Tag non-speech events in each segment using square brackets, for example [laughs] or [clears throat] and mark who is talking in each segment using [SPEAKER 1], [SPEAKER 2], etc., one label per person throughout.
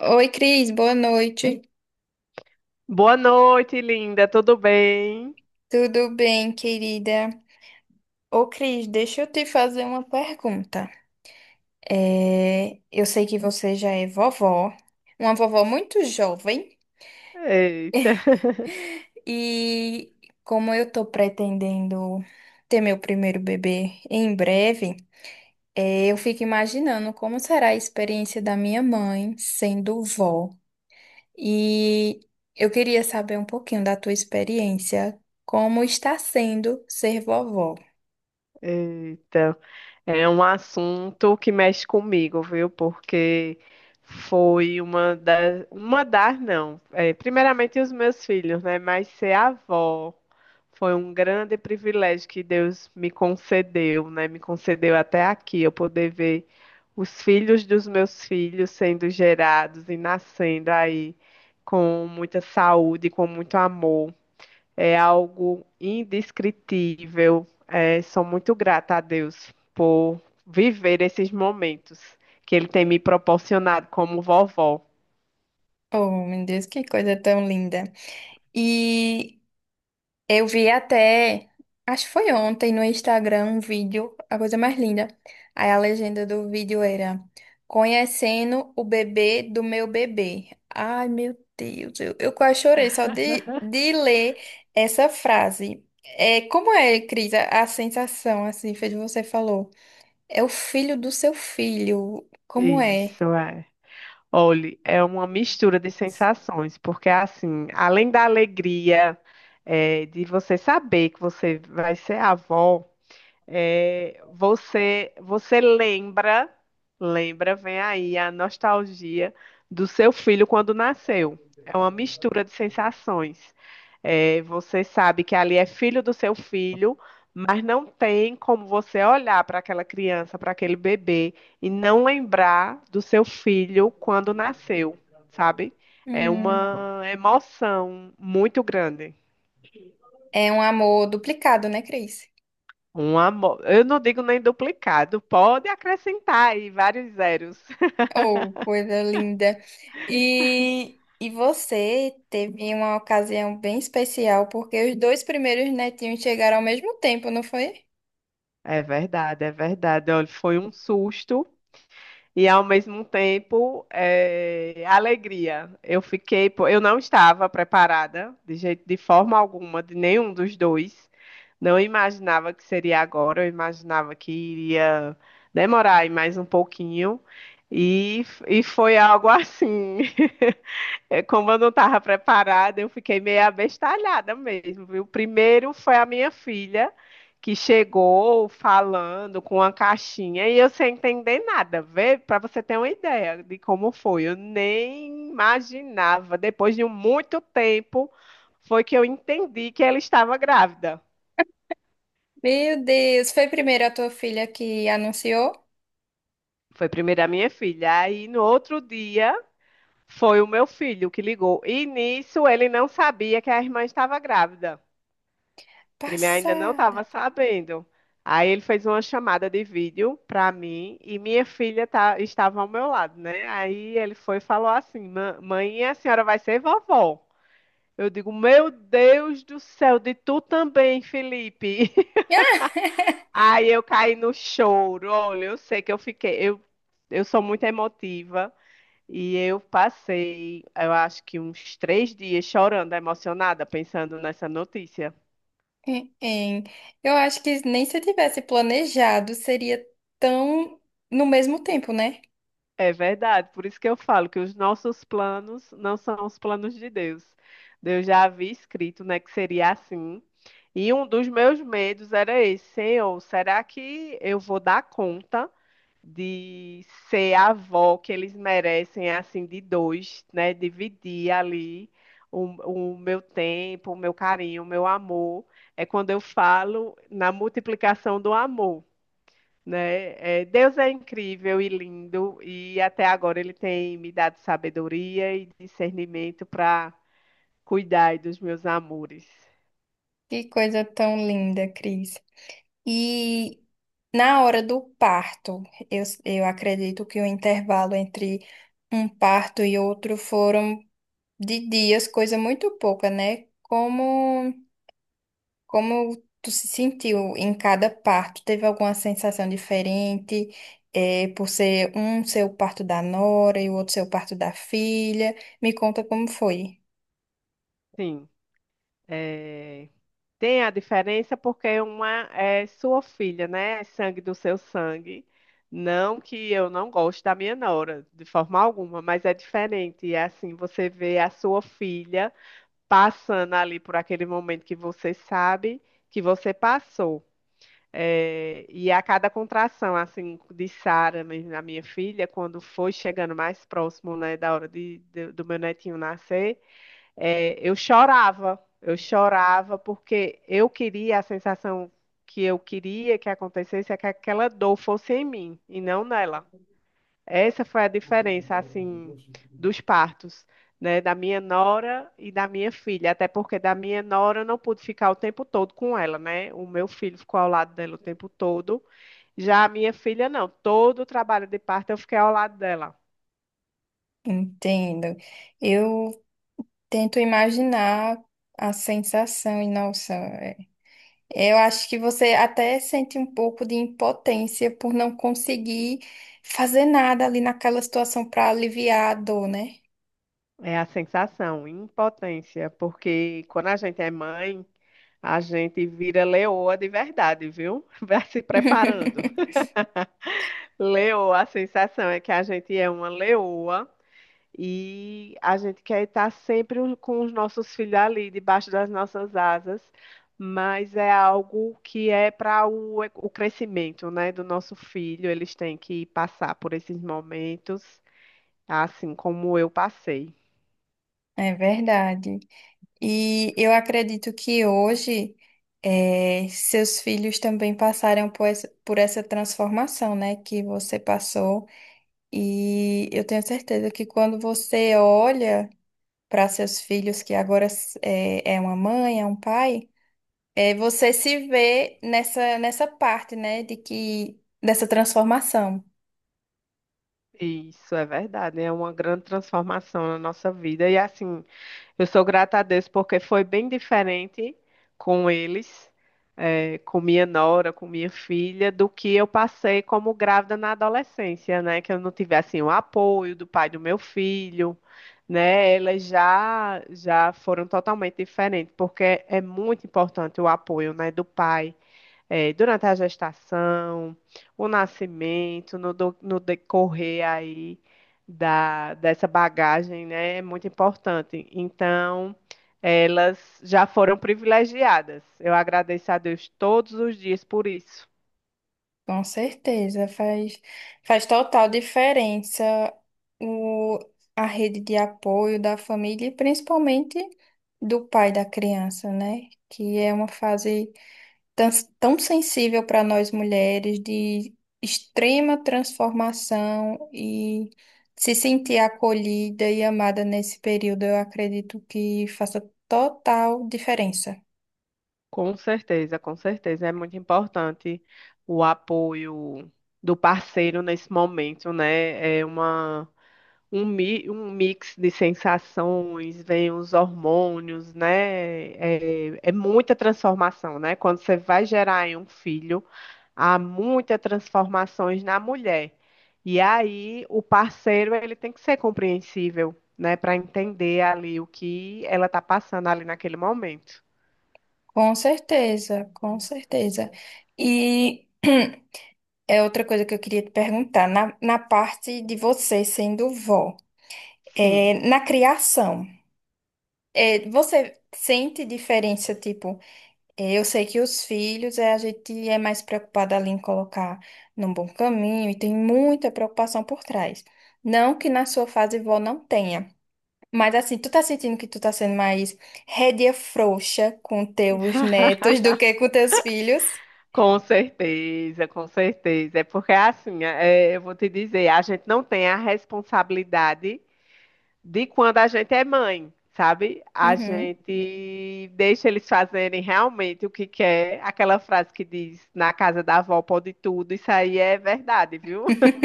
[SPEAKER 1] Oi, Cris, boa noite.
[SPEAKER 2] Boa noite, linda. Tudo bem?
[SPEAKER 1] Tudo bem, querida? Ô, Cris, deixa eu te fazer uma pergunta. É, eu sei que você já é vovó, uma vovó muito jovem,
[SPEAKER 2] Eita,
[SPEAKER 1] e como eu tô pretendendo ter meu primeiro bebê em breve, eu fico imaginando como será a experiência da minha mãe sendo vó. E eu queria saber um pouquinho da tua experiência, como está sendo ser vovó.
[SPEAKER 2] [laughs] eita. É um assunto que mexe comigo, viu? Porque foi uma das não. É, primeiramente os meus filhos, né? Mas ser avó foi um grande privilégio que Deus me concedeu, né? Me concedeu até aqui, eu poder ver os filhos dos meus filhos sendo gerados e nascendo aí com muita saúde, com muito amor. É algo indescritível. É, sou muito grata a Deus por viver esses momentos que Ele tem me proporcionado como vovó.
[SPEAKER 1] Oh, meu Deus, que coisa tão linda. E eu vi até, acho que foi ontem no Instagram, um vídeo, a coisa mais linda. Aí a legenda do vídeo era: conhecendo o bebê do meu bebê. Ai, meu Deus, eu quase chorei só de ler essa frase. É, como é, Cris, a sensação, assim, fez você falou? É o filho do seu filho. Como é?
[SPEAKER 2] Isso é. Olhe, é uma mistura de sensações, porque assim, além da alegria, é, de você saber que você vai ser avó. É, você lembra, vem aí a nostalgia do seu filho quando nasceu. É uma mistura de sensações. É, você sabe que ali é filho do seu filho, mas não tem como você olhar para aquela criança, para aquele bebê e não lembrar do seu filho quando nasceu, sabe? É
[SPEAKER 1] Hum,
[SPEAKER 2] uma emoção muito grande.
[SPEAKER 1] é um amor duplicado, né, Cris?
[SPEAKER 2] Um amor. Eu não digo nem duplicado, pode acrescentar aí vários zeros. [laughs]
[SPEAKER 1] Oh, coisa linda. E você teve uma ocasião bem especial, porque os dois primeiros netinhos chegaram ao mesmo tempo, não foi?
[SPEAKER 2] É verdade, é verdade. Olha, foi um susto e ao mesmo tempo é, alegria. Eu fiquei, pô, eu não estava preparada de jeito, de forma alguma, de nenhum dos dois. Não imaginava que seria agora. Eu imaginava que iria demorar aí mais um pouquinho e foi algo assim. [laughs] É, como eu não estava preparada, eu fiquei meio abestalhada mesmo, viu? Primeiro foi a minha filha, que chegou falando com uma caixinha e eu sem entender nada. Vê, para você ter uma ideia de como foi, eu nem imaginava. Depois de muito tempo, foi que eu entendi que ela estava grávida.
[SPEAKER 1] Meu Deus, foi primeiro a tua filha que anunciou?
[SPEAKER 2] Foi primeiro a minha filha. Aí no outro dia, foi o meu filho que ligou. E nisso ele não sabia que a irmã estava grávida. Ele ainda não
[SPEAKER 1] Passada.
[SPEAKER 2] estava
[SPEAKER 1] [laughs]
[SPEAKER 2] sabendo. Aí ele fez uma chamada de vídeo para mim e minha filha estava ao meu lado, né? Aí ele foi e falou assim: Mãe, a senhora vai ser vovó." Eu digo: Meu Deus do céu, de tu também, Felipe. [laughs]
[SPEAKER 1] Ah,
[SPEAKER 2] Aí eu caí no choro. Olha, eu sei que eu fiquei. Eu sou muito emotiva e eu passei, eu acho que uns 3 dias chorando, emocionada, pensando nessa notícia.
[SPEAKER 1] hein, hein. Eu acho que nem se tivesse planejado, seria tão no mesmo tempo, né?
[SPEAKER 2] É verdade, por isso que eu falo que os nossos planos não são os planos de Deus. Deus já havia escrito, né, que seria assim. E um dos meus medos era esse, Senhor, será que eu vou dar conta de ser a avó que eles merecem, assim, de dois, né? Dividir ali o meu tempo, o meu carinho, o meu amor. É quando eu falo na multiplicação do amor, né? É, Deus é incrível e lindo, e até agora ele tem me dado sabedoria e discernimento para cuidar dos meus amores.
[SPEAKER 1] Que coisa tão linda, Cris. E na hora do parto, eu acredito que o intervalo entre um parto e outro foram de dias, coisa muito pouca, né? Como tu se sentiu em cada parto? Teve alguma sensação diferente, por ser um seu parto da nora e o outro seu parto da filha? Me conta como foi.
[SPEAKER 2] Sim, é, tem a diferença porque uma é sua filha, né? É sangue do seu sangue. Não que eu não goste da minha nora, de forma alguma, mas é diferente. E é assim, você vê a sua filha passando ali por aquele momento que você sabe que você passou. É, e a cada contração, assim, de Sara, mesmo, a minha filha, quando foi chegando mais próximo, né, da hora do meu netinho nascer, é, eu chorava porque eu queria a sensação que eu queria que acontecesse é que aquela dor fosse em mim e não nela. Essa foi a diferença, assim, dos partos, né, da minha nora e da minha filha, até porque da minha nora eu não pude ficar o tempo todo com ela, né? O meu filho ficou ao lado dela o tempo todo. Já a minha filha não, todo o trabalho de parto eu fiquei ao lado dela.
[SPEAKER 1] Entendo. Eu tento imaginar a sensação e nossa. Eu acho que você até sente um pouco de impotência por não conseguir fazer nada ali naquela situação para aliviar a dor, né?
[SPEAKER 2] É a sensação, impotência, porque quando a gente é mãe, a gente vira leoa de verdade, viu? [laughs] Vai se preparando.
[SPEAKER 1] [laughs]
[SPEAKER 2] [laughs] Leoa, a sensação é que a gente é uma leoa. E a gente quer estar sempre com os nossos filhos ali, debaixo das nossas asas, mas é algo que é para o crescimento, né, do nosso filho. Eles têm que passar por esses momentos, assim como eu passei.
[SPEAKER 1] É verdade. E eu acredito que hoje seus filhos também passaram por por essa transformação, né, que você passou. E eu tenho certeza que quando você olha para seus filhos, que agora é uma mãe, é um pai. É, você se vê nessa parte, né, de que dessa transformação.
[SPEAKER 2] Isso é verdade, é uma grande transformação na nossa vida. E assim, eu sou grata a Deus porque foi bem diferente com eles, com minha nora, com minha filha, do que eu passei como grávida na adolescência, né? Que eu não tive assim o apoio do pai do meu filho, né? Elas já foram totalmente diferentes, porque é muito importante o apoio, né, do pai, é, durante a gestação, o nascimento, no decorrer aí dessa bagagem, né, é muito importante. Então, elas já foram privilegiadas. Eu agradeço a Deus todos os dias por isso.
[SPEAKER 1] Com certeza, faz total diferença o, a rede de apoio da família e principalmente do pai da criança, né? Que é uma fase tão, tão sensível para nós mulheres, de extrema transformação e se sentir acolhida e amada nesse período, eu acredito que faça total diferença.
[SPEAKER 2] Com certeza, com certeza. É muito importante o apoio do parceiro nesse momento, né? É um mix de sensações, vem os hormônios, né? É muita transformação, né? Quando você vai gerar em um filho, há muitas transformações na mulher. E aí o parceiro ele tem que ser compreensível, né? Para entender ali o que ela está passando ali naquele momento.
[SPEAKER 1] Com certeza, com certeza. E [clears throat] é outra coisa que eu queria te perguntar, na parte de você sendo vó,
[SPEAKER 2] Sim.
[SPEAKER 1] é, na criação, é, você sente diferença, tipo, é, eu sei que os filhos, é, a gente é mais preocupada ali em colocar num bom caminho e tem muita preocupação por trás. Não que na sua fase vó não tenha, mas assim, tu tá sentindo que tu tá sendo mais rédea frouxa com teus netos do que com teus filhos?
[SPEAKER 2] Com certeza, com certeza. É porque assim, é, eu vou te dizer, a gente não tem a responsabilidade de quando a gente é mãe, sabe? A
[SPEAKER 1] Uhum.
[SPEAKER 2] gente deixa eles fazerem realmente o que quer. Aquela frase que diz, na casa da avó pode tudo, isso aí é verdade, viu? [laughs]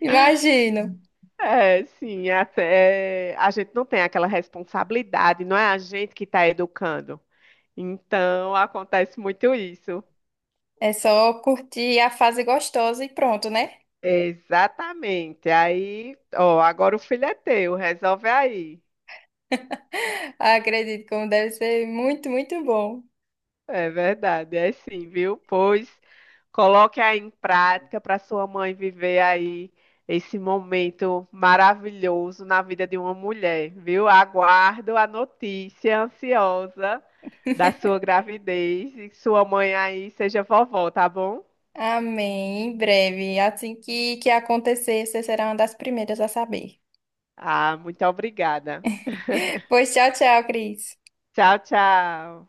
[SPEAKER 1] Imagino.
[SPEAKER 2] É, sim, até é, a gente não tem aquela responsabilidade, não é a gente que está educando. Então acontece muito isso.
[SPEAKER 1] É só curtir a fase gostosa e pronto, né?
[SPEAKER 2] Exatamente. Aí, ó, agora o filho é teu, resolve aí.
[SPEAKER 1] Acredito como deve ser muito, muito bom.
[SPEAKER 2] É verdade, é sim, viu? Pois coloque aí em prática para sua mãe viver aí esse momento maravilhoso na vida de uma mulher, viu? Aguardo a notícia ansiosa da sua gravidez e que sua mãe aí seja vovó, tá bom?
[SPEAKER 1] Amém. Em breve, assim que acontecer, você será uma das primeiras a saber.
[SPEAKER 2] Ah, muito obrigada.
[SPEAKER 1] Pois tchau, tchau, Cris.
[SPEAKER 2] Tchau, tchau.